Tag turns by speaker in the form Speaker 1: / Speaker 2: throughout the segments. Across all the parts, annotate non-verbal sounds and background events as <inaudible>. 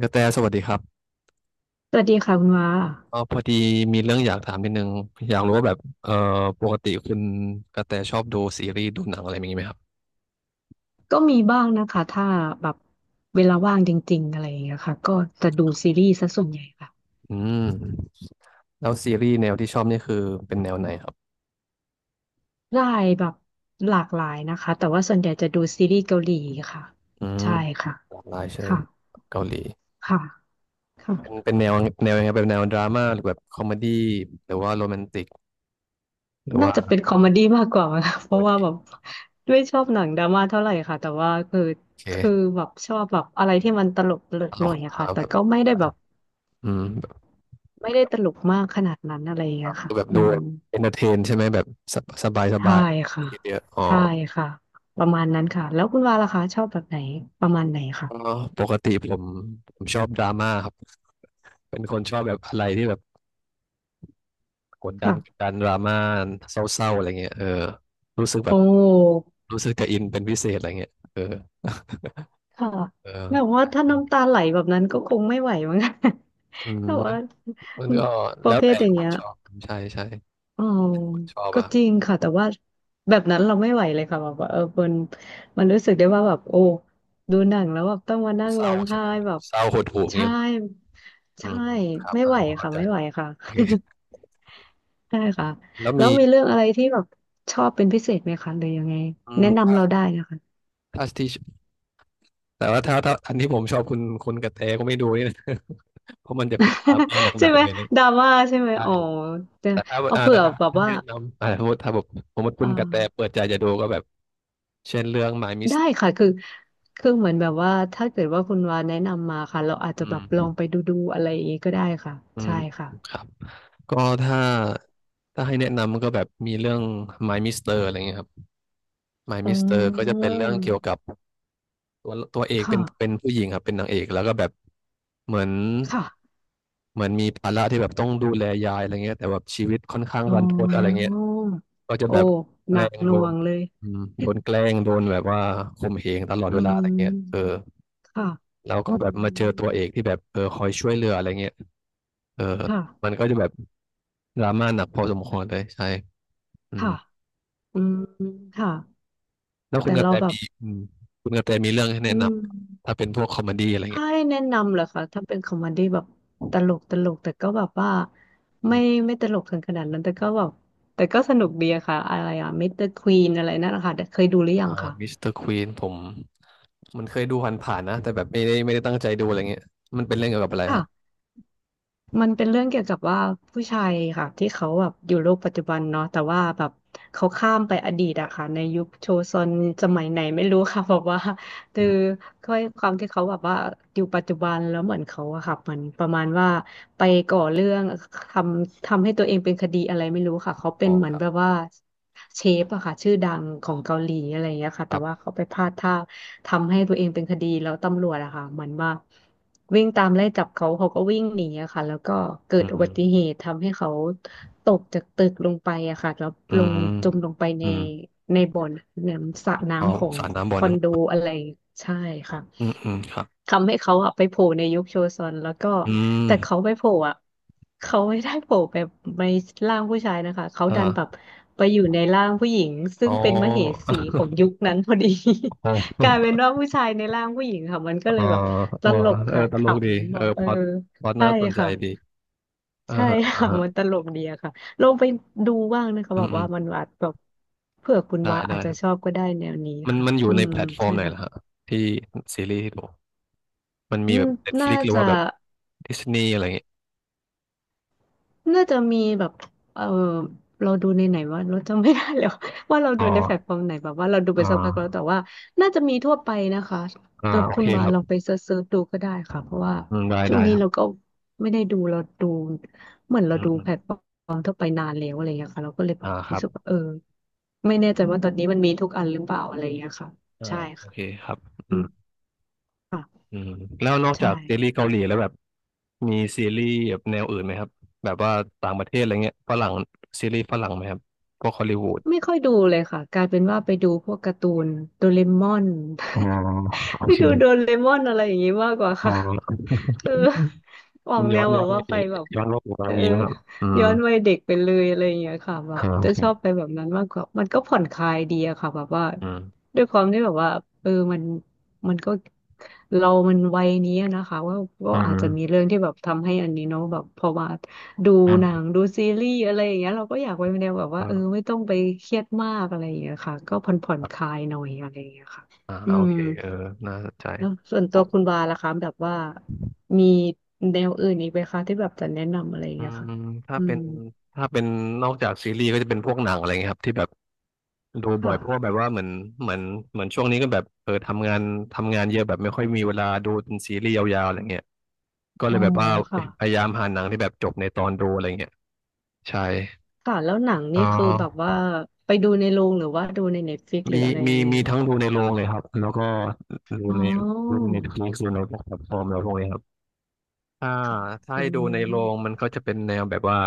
Speaker 1: กระแตสวัสดีครับ
Speaker 2: สวัสดีค่ะคุณว่า
Speaker 1: พอดีมีเรื่องอยากถามนิดนึงอยากรู้ว่าแบบปกติคุณกระแตชอบดูซีรีส์ดูหนังอะไรอย่างนี้ไหมครับ
Speaker 2: ก็มีบ้างนะคะถ้าแบบเวลาว่างจริงๆอะไรอย่างเงี้ยค่ะก็จะดูซีรีส์ซะส่วนใหญ่ค่ะ
Speaker 1: อืมแล้วซีรีส์แนวที่ชอบนี่คือเป็นแนวไหนครับ
Speaker 2: ได้แบบหลากหลายนะคะแต่ว่าส่วนใหญ่จะดูซีรีส์เกาหลีค่ะ
Speaker 1: อืม
Speaker 2: ใช่ค่ะ
Speaker 1: หลากหลายใช่ไหม
Speaker 2: ค่ะ
Speaker 1: เกาหลี
Speaker 2: ค่ะ
Speaker 1: เป็น
Speaker 2: ค่ะ
Speaker 1: เป็นแนวแนวยังไงเป็นแนวดราม่าหรือแบบคอมเมดี้หรือว่าโรแมนติกหรือ
Speaker 2: น่าจะ
Speaker 1: ว่า
Speaker 2: เป็นคอมเมดี้มากกว่าค่ะ <laughs> เพราะว่า
Speaker 1: โอ
Speaker 2: แบบไม่ชอบหนังดราม่าเท่าไหร่ค่ะแต่ว่าคือ
Speaker 1: เค
Speaker 2: แบบชอบแบบอะไรที่มันตลกตล
Speaker 1: ต
Speaker 2: ก
Speaker 1: ล
Speaker 2: หน่
Speaker 1: ก
Speaker 2: อยอะ
Speaker 1: หา
Speaker 2: ค่ะ
Speaker 1: แบ
Speaker 2: แต่
Speaker 1: บ
Speaker 2: ก็ไม่ได้แบบ
Speaker 1: แบบ
Speaker 2: ไม่ได้ตลกมากขนาดนั้นอะไรอย่างเงี้ยค่ะ
Speaker 1: ดูแบบ
Speaker 2: อื
Speaker 1: ดู
Speaker 2: ม
Speaker 1: เอนเตอร์เทนใช่ไหมแบบสบายส
Speaker 2: ใช่
Speaker 1: บาย
Speaker 2: ค่ะ
Speaker 1: เยอะๆอ๋อ
Speaker 2: ใช่ค่ะประมาณนั้นค่ะแล้วคุณวาล่ะคะชอบแบบไหนประมาณไหนค่ะ
Speaker 1: เอ่อปกติผมผมชอบดราม่าครับ เป็นคนชอบแบบอะไรที่แบบกดดัน
Speaker 2: ค่ะ
Speaker 1: ดราม่าเศร้าๆอะไรเงี้ยรู้สึกแบ
Speaker 2: โอ
Speaker 1: บ
Speaker 2: ้
Speaker 1: รู้สึกจะอินเป็นพิเศษอะไรเงี้ย
Speaker 2: ค่ะ
Speaker 1: เอ
Speaker 2: แบบ
Speaker 1: อ
Speaker 2: ว่าถ้าน้ำตาไหลแบบนั้นก็คงไม่ไหวมั้ง <laughs> แต่
Speaker 1: มั
Speaker 2: ว่า
Speaker 1: นมันก็
Speaker 2: ป
Speaker 1: แล้
Speaker 2: ระ
Speaker 1: ว
Speaker 2: เภ
Speaker 1: แต่
Speaker 2: ทอย่าง
Speaker 1: คน
Speaker 2: เงี้ย
Speaker 1: ชอบใช่ใช่
Speaker 2: อ๋อ
Speaker 1: คนชอบ
Speaker 2: ก็
Speaker 1: อะ
Speaker 2: จริงค่ะแต่ว่าแบบนั้นเราไม่ไหวเลยค่ะแบบว่าเออมันรู้สึกได้ว่าแบบโอ้ดูหนังแล้วแบบต้องมานั่ง
Speaker 1: เศ
Speaker 2: ร้
Speaker 1: ร้า
Speaker 2: อง
Speaker 1: ใช่
Speaker 2: ไห้
Speaker 1: ไหม
Speaker 2: แบบ
Speaker 1: เศร้าหดหู่อย่าง
Speaker 2: ใช่
Speaker 1: เงี้ยเหรออื
Speaker 2: ใช่
Speaker 1: มครับ
Speaker 2: ไม่ไหว
Speaker 1: พอเข้า
Speaker 2: ค่ะ
Speaker 1: ใจ
Speaker 2: ไม่ไหวค่ะ
Speaker 1: โอเค
Speaker 2: <laughs> ใช่ค่ะ
Speaker 1: แล้ว
Speaker 2: แล้
Speaker 1: มี
Speaker 2: วมีเรื่องอะไรที่แบบชอบเป็นพิเศษไหมคะหรือยังไงแนะ
Speaker 1: ถ้า
Speaker 2: นำเราได้นะคะ
Speaker 1: ถ้าที่แต่ว่าถ้าอันที่ผมชอบคุณกระแตก็ไม่ดูนี่นะ <laughs> เพราะมันจะแบบดราม่าห
Speaker 2: <laughs> ใช่
Speaker 1: นัก
Speaker 2: ไห
Speaker 1: ๆ
Speaker 2: ม
Speaker 1: เลยนะ
Speaker 2: ดราม่าใช่ไหม
Speaker 1: ใช่
Speaker 2: อ๋อแต่
Speaker 1: แต่ถ้า
Speaker 2: เอาเผื่
Speaker 1: แต่
Speaker 2: อ
Speaker 1: ถ้า
Speaker 2: แบบ
Speaker 1: ให้
Speaker 2: ว่า
Speaker 1: แนะนำสมมติถ้าแบบสมมติคุ
Speaker 2: เอ
Speaker 1: ณกระแตเปิ
Speaker 2: อ
Speaker 1: ดใจจะดูก็แบบเช่นเรื่อง My Miss
Speaker 2: ได้ค่ะคือเหมือนแบบว่าถ้าเกิดว่าคุณวาแนะนำมาค่ะเราอาจจะ
Speaker 1: อื
Speaker 2: แบ
Speaker 1: ม
Speaker 2: บลองไปดูอะไรอย่างงี้ก็ได้ค่ะ
Speaker 1: อืม
Speaker 2: ใช่ค่ะ
Speaker 1: ครับก็ถ้าถ้าให้แนะนำก็แบบมีเรื่อง My Mister อะไรเงี้ยครับ My
Speaker 2: อื
Speaker 1: Mister ก็จะเป็น
Speaker 2: ม
Speaker 1: เรื่องเกี่ยวกับตัวเอ
Speaker 2: ค
Speaker 1: กเป็น
Speaker 2: ่ะ
Speaker 1: ผู้หญิงครับเป็นนางเอกแล้วก็แบบเหมือน
Speaker 2: ค่ะ
Speaker 1: เหมือนมีภาระที่แบบต้องดูแลยายอะไรเงี้ยแต่แบบชีวิตค่อนข้าง
Speaker 2: อ๋
Speaker 1: รันทดอะไร
Speaker 2: อ
Speaker 1: เงี้ยก็จะ
Speaker 2: โอ้
Speaker 1: แบบแก
Speaker 2: หนั
Speaker 1: ล้
Speaker 2: ก
Speaker 1: ง
Speaker 2: ห
Speaker 1: โด
Speaker 2: น่ว
Speaker 1: น
Speaker 2: งเลย
Speaker 1: โดนแกล้งโดนแบบว่าข่มเหงตลอด
Speaker 2: อื
Speaker 1: เวลาอะไรเงี้ยเออ
Speaker 2: มค่ะ
Speaker 1: แล้วก็
Speaker 2: อื
Speaker 1: แบบมาเจอตัวเอ
Speaker 2: ม
Speaker 1: กที่แบบคอยช่วยเหลืออะไรเงี้ยเออมัน
Speaker 2: ค่ะ
Speaker 1: ก็จะแบบดราม่าหนักพอสมควรเลยใช่อืม
Speaker 2: ค่ะ อืมค่ะ
Speaker 1: แล้วคุ
Speaker 2: แต่
Speaker 1: ณกระ
Speaker 2: เรา
Speaker 1: แต
Speaker 2: แบบ
Speaker 1: มีคุณกระแตมีเรื่องให้
Speaker 2: อื
Speaker 1: แนะน
Speaker 2: ม
Speaker 1: ำถ้าเป็นพวกคอมเมดี้อะไร
Speaker 2: ถ้า
Speaker 1: เงี้ย
Speaker 2: ให้แนะนำเหรอคะถ้าเป็นคอมเมดี้แบบตลกแต่ก็แบบว่า
Speaker 1: อื
Speaker 2: ไม่
Speaker 1: ม
Speaker 2: ไม่ตลกถึงขนาดนั้นแต่ก็แบบแต่ก็สนุกดีอะค่ะอะไรอะมิสเตอร์ควีนอะไรนั่นนะคะเคยดูหรือยั
Speaker 1: อ่า
Speaker 2: งคะ
Speaker 1: มิสเตอร์ควีนผมมันเคยดูผ่านๆนะแต่แบบไม่ได้ตั้งใจดูอะไรเงี้ยมันเป็นเรื่องเกี่ยวกับอะไรฮะ
Speaker 2: ค่ะ มันเป็นเรื่องเกี่ยวกับว่าผู้ชายค่ะที่เขาแบบอยู่โลกปัจจุบันเนาะแต่ว่าแบบเขาข้ามไปอดีตอะค่ะในยุคโชซอนสมัยไหนไม่รู้ค่ะ <laughs> บอกว่าคื
Speaker 1: อื
Speaker 2: อ
Speaker 1: ม
Speaker 2: ด้วยความที่เขาแบบว่าอยู่ปัจจุบันแล้วเหมือนเขาอะค่ะเหมือนประมาณว่าไปก่อเรื่องททำให้ตัวเองเป็นคดีอะไรไม่รู้ค่ะเขาเป็
Speaker 1: อ๋
Speaker 2: น
Speaker 1: อ
Speaker 2: เหมื
Speaker 1: ค
Speaker 2: อน
Speaker 1: รับ
Speaker 2: แบบว่าเชฟอะค่ะชื่อดังของเกาหลีอะไรอย่างเงี้ยค่ะ
Speaker 1: ค
Speaker 2: แต่
Speaker 1: รั
Speaker 2: ว่า
Speaker 1: บ
Speaker 2: เขาไปพลาดท่าทำให้ตัวเองเป็นคดีแล้วตำรวจอะค่ะเหมือนว่า วิ่งตามไล่จับเขาเขาก็วิ่งหนีอะค่ะแล้วก็เกิ
Speaker 1: อื
Speaker 2: ดอุบั
Speaker 1: ม
Speaker 2: ติเหตุทำให้เขาตกจากตึกลงไปอะค่ะแล้ว
Speaker 1: อื
Speaker 2: ล
Speaker 1: ม
Speaker 2: งจมลงไปใน
Speaker 1: อืม
Speaker 2: ในบ่อน้ำสระ
Speaker 1: เอา
Speaker 2: น้ำของ
Speaker 1: สารน้ำบ่
Speaker 2: ค
Speaker 1: อ
Speaker 2: อ
Speaker 1: นึ
Speaker 2: น
Speaker 1: ง
Speaker 2: โดอะไรใช่ค่ะ
Speaker 1: อืมอืมครับ
Speaker 2: ทำให้เขาอะไปโผล่ในยุคโชซอนแล้วก็
Speaker 1: อืม
Speaker 2: แต่เขาไปโผล่อะเขาไม่ได้โผล่แบบในร่างผู้ชายนะคะเขาดัน
Speaker 1: อ่า
Speaker 2: แบบไปอยู่ในร่างผู้หญิงซึ่
Speaker 1: อ๋อ
Speaker 2: งเป็นมเหสีของยุค
Speaker 1: <laughs>
Speaker 2: นั้นพอดี
Speaker 1: อ๋
Speaker 2: <laughs> กลายเป็
Speaker 1: อ
Speaker 2: นว่าผู้ชายในร่างผู้หญิงค่ะมันก็เล
Speaker 1: อ๋อ
Speaker 2: ยแบบต
Speaker 1: เออ
Speaker 2: ลก
Speaker 1: เออ
Speaker 2: ค่ะ
Speaker 1: ต
Speaker 2: ข
Speaker 1: ลกดี
Speaker 2: ำแบ
Speaker 1: เออ
Speaker 2: บเออ
Speaker 1: พอด
Speaker 2: ใช่
Speaker 1: น่าสนใจ
Speaker 2: ค่ะ
Speaker 1: ดีอ่า
Speaker 2: ใช่
Speaker 1: ฮะอ่า
Speaker 2: ค่ะ
Speaker 1: ฮะ
Speaker 2: <laughs> มันตลกดีอะค่ะลองไปดูบ้างนะคะ
Speaker 1: อื
Speaker 2: แบ
Speaker 1: ม
Speaker 2: บ
Speaker 1: อืม
Speaker 2: ว่ามันอาจแบบเผื่อคุณ
Speaker 1: ได้
Speaker 2: ว่าอา
Speaker 1: ได้
Speaker 2: จจะ
Speaker 1: ครั
Speaker 2: ชอ
Speaker 1: บ
Speaker 2: บก็ได้แนวนี้
Speaker 1: มัน
Speaker 2: ค่ะ
Speaker 1: มันอยู่
Speaker 2: อื
Speaker 1: ใน
Speaker 2: ม
Speaker 1: แพลตฟอร์
Speaker 2: ใช่
Speaker 1: มไหน
Speaker 2: ค่ะ
Speaker 1: ล่ะฮะที่ซีรีส์ที่ดูมันมี
Speaker 2: อื
Speaker 1: แบ
Speaker 2: ม
Speaker 1: บ
Speaker 2: น่า
Speaker 1: Netflix หรือ
Speaker 2: จะ
Speaker 1: ว่าแบบ Disney อะไรอย่างเงี้ย
Speaker 2: น่าจะมีแบบเออเราดูในไหนว่าเราจำไม่ได้แล้วว่าเรา
Speaker 1: อ๋อ
Speaker 2: ดูในแพลตฟอร์มไหนแบบว่าเราดูไป
Speaker 1: อ่
Speaker 2: สักพักแล้วแต่
Speaker 1: า
Speaker 2: ว่า น่าจะมีทั่วไปนะคะ
Speaker 1: อ่า
Speaker 2: สำหรับ
Speaker 1: โอ
Speaker 2: คุ
Speaker 1: เค
Speaker 2: ณบา
Speaker 1: ค
Speaker 2: ล
Speaker 1: รับ
Speaker 2: ลองไปเซิร์ชดูก็ได้ค่ะเพราะว่า
Speaker 1: อืมได้
Speaker 2: ช่ว
Speaker 1: ได้
Speaker 2: งนี้
Speaker 1: ครับ
Speaker 2: เราก็ไม่ได้ดูเราดู เหมือนเรา
Speaker 1: อืม
Speaker 2: ดู
Speaker 1: อื
Speaker 2: แพ
Speaker 1: ม
Speaker 2: ลตฟอร์มทั่วไปนานแล้วอะไรอย่างเงี้ยค่ะเราก็เลยแบบ
Speaker 1: ครั
Speaker 2: รู้
Speaker 1: บ
Speaker 2: สึกว่าเออไม่แน่ใจว่าตอนนี้มันมีทุกอันหรือเปล่าอะไรอย่างเงี้ยค่ะ
Speaker 1: อ่า
Speaker 2: ใช่
Speaker 1: โอ
Speaker 2: ค่ะ
Speaker 1: เคครับอื
Speaker 2: อืม
Speaker 1: ม
Speaker 2: ค่ะ
Speaker 1: อืมแล้วนอกจา
Speaker 2: ใช่
Speaker 1: กซีรีส์เกาหลีแล้วแบบมีซีรีส์แบบแนวอื่นไหมครับแบบว่าต่างประเทศอะไรเงี้ยฝรั่งซีรีส์ฝรั่งไหมครับพวกฮอลลีวูด
Speaker 2: ไม่ค่อยดูเลยค่ะกลายเป็นว่าไปดูพวกการ์ตูนโดเรมอน
Speaker 1: อ๋อโอ
Speaker 2: <laughs> ไป
Speaker 1: เค
Speaker 2: ดูโดเรมอนอะไรอย่างนี้มากกว่า
Speaker 1: อ๋อ
Speaker 2: ค่ะ เออ
Speaker 1: <laughs>
Speaker 2: ออ
Speaker 1: มั
Speaker 2: ก
Speaker 1: น
Speaker 2: แน
Speaker 1: ย้อน
Speaker 2: วแบ
Speaker 1: ย้อ
Speaker 2: บ
Speaker 1: น
Speaker 2: ว่า
Speaker 1: ไง
Speaker 2: ไปแบบ
Speaker 1: ย้อนโลกขอาอ
Speaker 2: เอ
Speaker 1: ย่า
Speaker 2: อ
Speaker 1: งนี้นะครับอืม
Speaker 2: ย้อนวัยเด็กไปเลยอะไรอย่างเงี้ยค่ะแบบ
Speaker 1: โอ
Speaker 2: จะ
Speaker 1: เค
Speaker 2: ชอบไปแบบนั้นมากกว่ามันก็ผ่อนคลายดีอะค่ะแบบว่า
Speaker 1: อืม
Speaker 2: ด้วยความที่แบบว่าเออมันมันก็เรามันวัยนี้อะนะคะว่าก็
Speaker 1: อื
Speaker 2: อาจจะมี
Speaker 1: ม
Speaker 2: เรื่องที่แบบทำให้อันนี้เนาะแบบพอมาดู
Speaker 1: อื
Speaker 2: หนั
Speaker 1: ม
Speaker 2: งดูซีรีส์อะไรอย่างเงี้ยเราก็อยากไปแนวแบบ
Speaker 1: เอ
Speaker 2: ว่าเออ
Speaker 1: อ
Speaker 2: ไม่ต้องไปเครียดมากอะไรอย่างเงี้ยค่ะก็ผ่อนผ่อ
Speaker 1: ค
Speaker 2: น
Speaker 1: รั
Speaker 2: ค
Speaker 1: บ
Speaker 2: ลายหน่อยอะไรอย่างเงี้ยค่ะอื
Speaker 1: โอ
Speaker 2: ม
Speaker 1: เคเออน่าสนใจ
Speaker 2: แล้วส่วนตั
Speaker 1: ปุ๊
Speaker 2: ว
Speaker 1: บ
Speaker 2: คุณวาล่ะคะแบบว่ามีแนวอื่นอีกไหมคะที่แบบจะแนะนำอะไรอย่าง
Speaker 1: อื
Speaker 2: เงี้ยค่ะ
Speaker 1: มถ้า
Speaker 2: อื
Speaker 1: เป็น
Speaker 2: ม
Speaker 1: ถ้าเป็นนอกจากซีรีส์ก็จะเป็นพวกหนังอะไรเงี้ยครับที่แบบดู
Speaker 2: ค
Speaker 1: บ่อยเพราะว่าแบ
Speaker 2: ่ะ
Speaker 1: บว่าเหมือนเหมือนเหมือนช่วงนี้ก็แบบทำงานทำงานเยอะแบบไม่ค่อยมีเวลาดูเป็นซีรีส์ยาวๆอะไรเงี้ยก็เล
Speaker 2: อ๋อ
Speaker 1: ยแบบว่า
Speaker 2: ค่ะ
Speaker 1: พยายามหาหนังที่แบบจบในตอนดูอะไรเงี้ยใช่
Speaker 2: ค่ะแล้วหนัง
Speaker 1: อ๋
Speaker 2: นี่
Speaker 1: อ
Speaker 2: คือแบบว่าไปดูในโรงหรือว่าดูในเน็ตฟลิกหรื
Speaker 1: มี
Speaker 2: ออะไรยังไง
Speaker 1: มีทั้ง
Speaker 2: อะ
Speaker 1: ดูในโรงเลยครับแล้วก็ดู
Speaker 2: อ๋อ
Speaker 1: ในดูในทลิดูในแพลตฟอร์มอะไรพวกนี้ครับอ่า
Speaker 2: ค่ะ
Speaker 1: ถ้า
Speaker 2: อื
Speaker 1: ให้ดูในโรงมั
Speaker 2: ม
Speaker 1: นก็จะเป็นแนวแบบว่า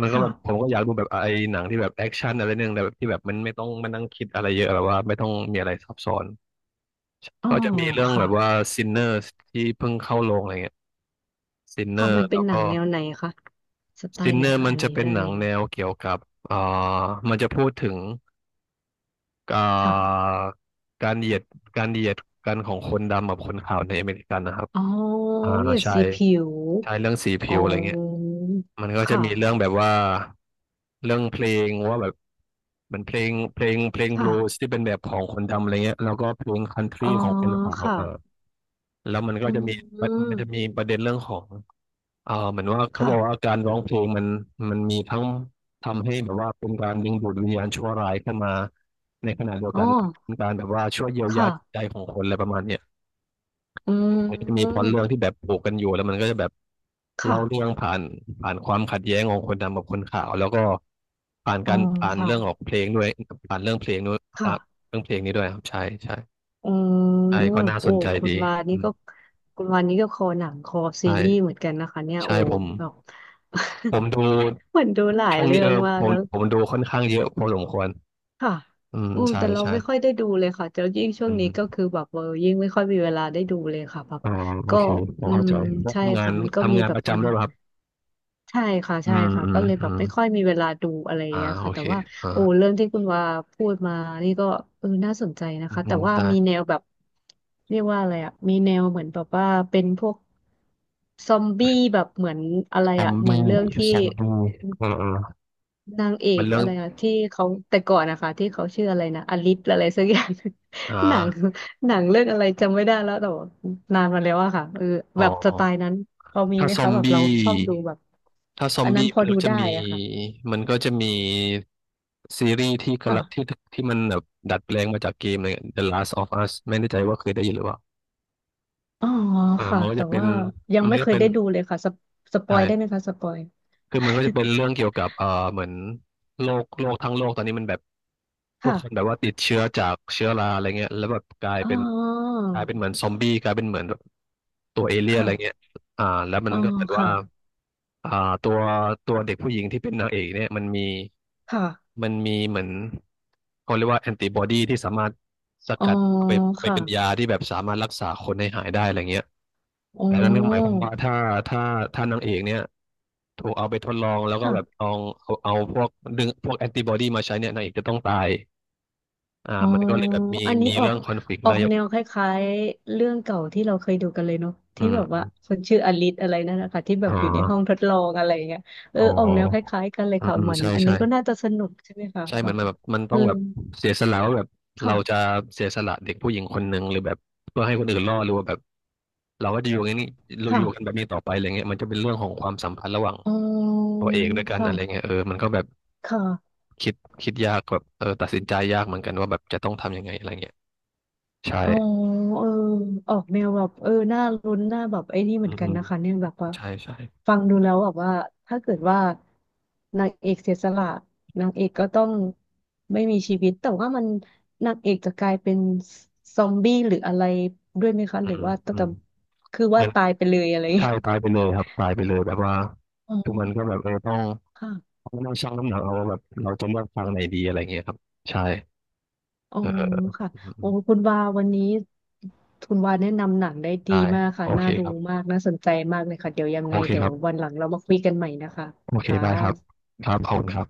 Speaker 1: มันก็
Speaker 2: ค่ะ
Speaker 1: แบบผมก็อยากดูแบบไอ้หนังที่แบบแอคชั่นอะไรนึงแต่แบบที่แบบมันไม่ต้องมานั่งคิดอะไรเยอะแบบว่าไม่ต้องมีอะไรซับซ้อน
Speaker 2: อ๋อ
Speaker 1: ก็จะมีเรื่องแบ
Speaker 2: ค่ะ
Speaker 1: บว่า Sinners ที่เพิ่งเข้าโรงอะไรเงี้ย
Speaker 2: ค่ะ
Speaker 1: Sinner
Speaker 2: มันเป็
Speaker 1: แล้
Speaker 2: น
Speaker 1: ว
Speaker 2: หนั
Speaker 1: ก็
Speaker 2: งแนวไหนคะสไตล์ไหน
Speaker 1: Sinner
Speaker 2: คะ
Speaker 1: มัน
Speaker 2: อัน
Speaker 1: จะ
Speaker 2: นี้
Speaker 1: เป็น
Speaker 2: เรื่อง
Speaker 1: หนัง
Speaker 2: เนี้ย
Speaker 1: แนวเกี่ยวกับอ่ามันจะพูดถึง อ่
Speaker 2: ค่ะ
Speaker 1: าการเหยียดการเหยียดกันของคนดำกับคนขาวในอเมริกันนะครับ
Speaker 2: อ๋อ
Speaker 1: อ่า
Speaker 2: เหยยด
Speaker 1: ใช่
Speaker 2: สีผิว
Speaker 1: ใช่เรื่องสี
Speaker 2: อ๋
Speaker 1: ผิ
Speaker 2: อ
Speaker 1: วอะไรเงี้ยมันก็จะ
Speaker 2: ค่ะ
Speaker 1: มีเรื่องแบบว่าเรื่องเพลงว่าแบบมันเพลงบ
Speaker 2: ค่ะ
Speaker 1: ลูส์ที่เป็นแบบของคนดำอะไรเงี้ยแล้วก็เพลงคันท
Speaker 2: อ๋
Speaker 1: รี
Speaker 2: อ
Speaker 1: ของคนขาว
Speaker 2: ค่ะ
Speaker 1: เออแล้วมันก็
Speaker 2: อื
Speaker 1: จะมี
Speaker 2: ม
Speaker 1: มันจะมีประเด็นเรื่องของ เออเหมือนว่าเขา
Speaker 2: ค่ะ
Speaker 1: บอกว่าการร้องเพลงมันมีทั้งทำให้แบบว่าเป็นการดึงดูดวิญญาณชั่วร้ายเข้ามาในขณะเดียว
Speaker 2: อ๋อ
Speaker 1: กันมันเป็นการแบบว่าช่วยเยียวยา
Speaker 2: ค่ะ
Speaker 1: จิตใจของคนอะไรประมาณเนี้ย
Speaker 2: อื
Speaker 1: มันก็จะมีพล็อ
Speaker 2: ม
Speaker 1: ตเรื่องที่แบบผูกกันอยู่แล้วมันก็จะแบบ
Speaker 2: ค่ะ
Speaker 1: เล่าเรื่องผ่านความขัดแย้งของคนดำกับคนขาวแล้วก็ผ่าน
Speaker 2: อ๋อ
Speaker 1: การผ่านเรื่องข
Speaker 2: ค่ะ
Speaker 1: องเพลงด้วยผ่านเรื่องเพลงด้วยค
Speaker 2: ค่ะ
Speaker 1: รับเรื่องเพลงนี้ด้วยครับใช่ใช่
Speaker 2: อืม
Speaker 1: ใช่ก็น่าส
Speaker 2: โอ้
Speaker 1: นใจ
Speaker 2: คุ
Speaker 1: ดี
Speaker 2: ณวา
Speaker 1: อื
Speaker 2: นี่
Speaker 1: ม
Speaker 2: ก็คุณวานี่ก็คอหนังคอซีรีส์เห
Speaker 1: ใช่
Speaker 2: มือนกันนะคะเนี่ยโอ้
Speaker 1: ใช่ผม
Speaker 2: แบบ
Speaker 1: ผมดู
Speaker 2: <laughs> เหมือนดูหลาย
Speaker 1: ช่วง
Speaker 2: เรื่
Speaker 1: นี้
Speaker 2: อ
Speaker 1: เอ
Speaker 2: ง
Speaker 1: อ
Speaker 2: มา
Speaker 1: ผ
Speaker 2: ก
Speaker 1: ม
Speaker 2: แล้ว
Speaker 1: ผมดูค่อนข้างเยอะพอสมควร
Speaker 2: ค่ะ
Speaker 1: อืม
Speaker 2: อืม
Speaker 1: ใช่
Speaker 2: แต่เรา
Speaker 1: ใช่
Speaker 2: ไม่ค่อยได้ดูเลยค่ะแล้วยิ่งช่ว
Speaker 1: อื
Speaker 2: งนี้ก็
Speaker 1: ม
Speaker 2: คือแบบยิ่งไม่ค่อยมีเวลาได้ดูเลยค่ะแบบ
Speaker 1: อ๋อโอ
Speaker 2: ก็
Speaker 1: เคพอ
Speaker 2: อื
Speaker 1: เข้า
Speaker 2: ม
Speaker 1: ใจแล้ว
Speaker 2: ใช่
Speaker 1: ทำงาน
Speaker 2: ค่ะมันก็มี
Speaker 1: ทำงาน
Speaker 2: แบ
Speaker 1: ป
Speaker 2: บ
Speaker 1: ระจำด้วยป่ะครับ
Speaker 2: ใช่ค่ะ
Speaker 1: อื
Speaker 2: ใช่
Speaker 1: ม
Speaker 2: ค่ะ
Speaker 1: อืม
Speaker 2: ก็เลย
Speaker 1: อื
Speaker 2: แบบ
Speaker 1: ม
Speaker 2: ไม่ค่อยมีเวลาดูอะไรอย่างเงี้ย
Speaker 1: โอ
Speaker 2: ค่ะแต่
Speaker 1: เค
Speaker 2: ว่า
Speaker 1: อ่า
Speaker 2: โอ้เรื่องที่คุณว่าพูดมานี่ก็น่าสนใจนะ
Speaker 1: อืม
Speaker 2: คะ
Speaker 1: อื
Speaker 2: แต่
Speaker 1: ม
Speaker 2: ว่า
Speaker 1: ได้
Speaker 2: มีแนวแบบเรียกว่าอะไรอะมีแนวเหมือนแบบว่าเป็นพวกซอมบี้แบบเหมือนอะไร
Speaker 1: ซอม
Speaker 2: อะเหมือน
Speaker 1: บี้
Speaker 2: เรื่องที่
Speaker 1: ซอมบี้อ่าอ่า
Speaker 2: นางเอ
Speaker 1: มั
Speaker 2: ก
Speaker 1: นเรื่อง
Speaker 2: อะไรอะที่เขาแต่ก่อนนะคะที่เขาชื่ออะไรนะอลิสอะไรสักอย่าง
Speaker 1: อ่า
Speaker 2: <laughs> หนังหนังเรื่องอะไรจำไม่ได้แล้วแต่ว่านานมาแล้วอะค่ะเออ
Speaker 1: อ๋อ
Speaker 2: แบบสไตล์นั้นพอมี
Speaker 1: ถ้า
Speaker 2: ไหม
Speaker 1: ซอ
Speaker 2: คะ
Speaker 1: ม
Speaker 2: แบบเรา
Speaker 1: บี้
Speaker 2: ชอบดูแบบ
Speaker 1: ถ้าซอม
Speaker 2: อันนั้
Speaker 1: บี้
Speaker 2: นพอ
Speaker 1: มัน
Speaker 2: ดู
Speaker 1: ก็จะ
Speaker 2: ได้
Speaker 1: มี
Speaker 2: อะค่ะ
Speaker 1: มันก็จะมีซีรีส์ที่กำ
Speaker 2: ค่ะ
Speaker 1: ลังที่มันแบบดัดแปลงมาจากเกมเลย The Last of Us ไม่แน่ใจว่าเคยได้ยินหรือเปล่า
Speaker 2: อ๋อ
Speaker 1: อ่า
Speaker 2: ค่ะ
Speaker 1: มันก็
Speaker 2: แต่
Speaker 1: จะเป็น
Speaker 2: ว่ายัง
Speaker 1: มัน
Speaker 2: ไม่
Speaker 1: ก็
Speaker 2: เคย
Speaker 1: เป็น
Speaker 2: ได้ดูเลยค่ะสปอ
Speaker 1: ใช่
Speaker 2: ยได้ไหมคะสปอย
Speaker 1: คือมันก็จะเป็นเรื่องเกี่ยวกับเหมือนโรคทั้งโลกตอนนี้มันแบบ
Speaker 2: <laughs>
Speaker 1: ทุก
Speaker 2: ค่ะ
Speaker 1: คนแบบว่าติดเชื้อจากเชื้อราอะไรเงี้ยแล้วแบบกลาย
Speaker 2: อ๋อ
Speaker 1: เป็นกลายเป็นเหมือนซอมบี้กลายเป็นเหมือนแบบตัวเอเลี่ยนอะไรเงี้ย
Speaker 2: ค่ะ
Speaker 1: อ่าแล้วมั
Speaker 2: อ๋
Speaker 1: น
Speaker 2: อ
Speaker 1: ก็เหมือนว่า
Speaker 2: ค่ะ
Speaker 1: อ่าตัวตัวเด็กผู้หญิงที่เป็นนางเอกเนี่ยมันมี
Speaker 2: ค่ะ
Speaker 1: มันมีเหมือนเขาเรียกว่าแอนติบอดีที่สามารถส
Speaker 2: อ๋อ
Speaker 1: กัดเอาไป
Speaker 2: ค่ะ
Speaker 1: เป็นยาที่แบบสามารถรักษาคนให้หายได้อะไรเงี้ย
Speaker 2: อ๋
Speaker 1: แต่นั่นก็หมายความว่าถ้าถ้านางเอกเนี่ย ถูกเอาไปทดลองแล้วก็แบบล
Speaker 2: อ
Speaker 1: องเอาพวกดึงพวกแอนติบอดีมาใช้เนี่ยนางเอกจะต้องตายอ่า
Speaker 2: อ๋อ
Speaker 1: มันก็เลยแบบมี
Speaker 2: อันนี้
Speaker 1: มี
Speaker 2: ออ
Speaker 1: เรื่
Speaker 2: ก
Speaker 1: องคอนฟ lict
Speaker 2: ออ
Speaker 1: แล้ว
Speaker 2: ก
Speaker 1: อย่าง
Speaker 2: แนวคล้ายๆเรื่องเก่าที่เราเคยดูกันเลยเนาะ
Speaker 1: อื
Speaker 2: ที่แบบว่า
Speaker 1: ม
Speaker 2: คนชื่ออลิสอะไรนั่นนะคะที่แบ
Speaker 1: อ๋อ
Speaker 2: บอยู่ในห้องทดลองอะไรอย่างเงี้ยเออ
Speaker 1: อ๋
Speaker 2: ออกแนวค
Speaker 1: อ
Speaker 2: ล้ายๆกันเลย
Speaker 1: อืม
Speaker 2: ค่ะ
Speaker 1: อืม
Speaker 2: เหมือน
Speaker 1: ใช่
Speaker 2: อัน
Speaker 1: ใช่
Speaker 2: นี้ก็น่าจะสนุกใช่ไหมคะ
Speaker 1: ใช่เห
Speaker 2: แบ
Speaker 1: มือน
Speaker 2: บ
Speaker 1: มันแบบมันต้
Speaker 2: อื
Speaker 1: อง
Speaker 2: ม
Speaker 1: แบบเสียสละว่าแบบเราจะ
Speaker 2: ค่ะ
Speaker 1: เสียสละเด็กผู้หญิงคนหนึ่งหรือแบบเพื่อให้คนอื่นรอดหรือว่าแบบเราก็จะอยู่อย่างนี้เราอยู่กันแบ
Speaker 2: ค่ะ
Speaker 1: บนี้ต่อไปอะไรเงี้ยมันจะเป็นเรื่องของความสัมพันธ์ระหว่าง
Speaker 2: อ๋อ
Speaker 1: ตัวเอกด้วยกัน
Speaker 2: ค่ะ
Speaker 1: อะไรเงี้ยเออมันก็แบบ
Speaker 2: ค่ะ
Speaker 1: คิดคิดยากแบบเออตัดสินใจยากเหมือนกันว่าแบบจะต้องทำยังไงอะไรเงี้ยใช่
Speaker 2: อ๋อเออออกแนวแบบน่าลุ้นน่าแบบไอ้นี่เหมื
Speaker 1: อื
Speaker 2: อน
Speaker 1: ม
Speaker 2: กั
Speaker 1: อื
Speaker 2: น
Speaker 1: ม
Speaker 2: นะคะเนี่ยแบบว่า
Speaker 1: ใช่ใช่
Speaker 2: ฟังดูแล้วแบบว่าถ้าเกิดว่านางเอกเสียสละนางเอกก็ต้องไม่มีชีวิตแต่ว่ามันนางเอกจะกลายเป็นซอมบี้หรืออะไรด้วยไหมคะ
Speaker 1: อื
Speaker 2: หรือ
Speaker 1: ม
Speaker 2: ว่า
Speaker 1: อืม
Speaker 2: ต้องคือ
Speaker 1: เห
Speaker 2: ว่า
Speaker 1: มัน
Speaker 2: ตายไปเลยอะไรอย่าง
Speaker 1: ใช่
Speaker 2: เงี้ย
Speaker 1: ตายไปเลยครับตายไปเลยแบบว่า
Speaker 2: อ๋
Speaker 1: ทุกมัน
Speaker 2: อ
Speaker 1: ก็แบบเออต้อง
Speaker 2: ค่ะ
Speaker 1: ต้องนั่งชั่งน้ำหนักเอาว่าแบบเราจะเลือกฟังไหนดีอะไรเงี้ยครับใช่
Speaker 2: อ๋อ
Speaker 1: เออ
Speaker 2: ค่ะ
Speaker 1: อืมอื
Speaker 2: โอ้
Speaker 1: ม
Speaker 2: คุณวาวันนี้คุณวาแนะนำหนังได้ดี
Speaker 1: ได้
Speaker 2: มากค่ะ
Speaker 1: โอเค
Speaker 2: น่าดู
Speaker 1: ครับ
Speaker 2: มาก น่าสนใจมากเลยค่ะ เดี๋ยวยัง
Speaker 1: โอ
Speaker 2: ไง
Speaker 1: เค
Speaker 2: เดี๋ย
Speaker 1: ค
Speaker 2: ว
Speaker 1: รับ
Speaker 2: วันหลังเรามาคุยกันใหม่นะคะ
Speaker 1: โอเค
Speaker 2: ค่
Speaker 1: ได้ครับ
Speaker 2: ะ
Speaker 1: ครับขอบคุณครับ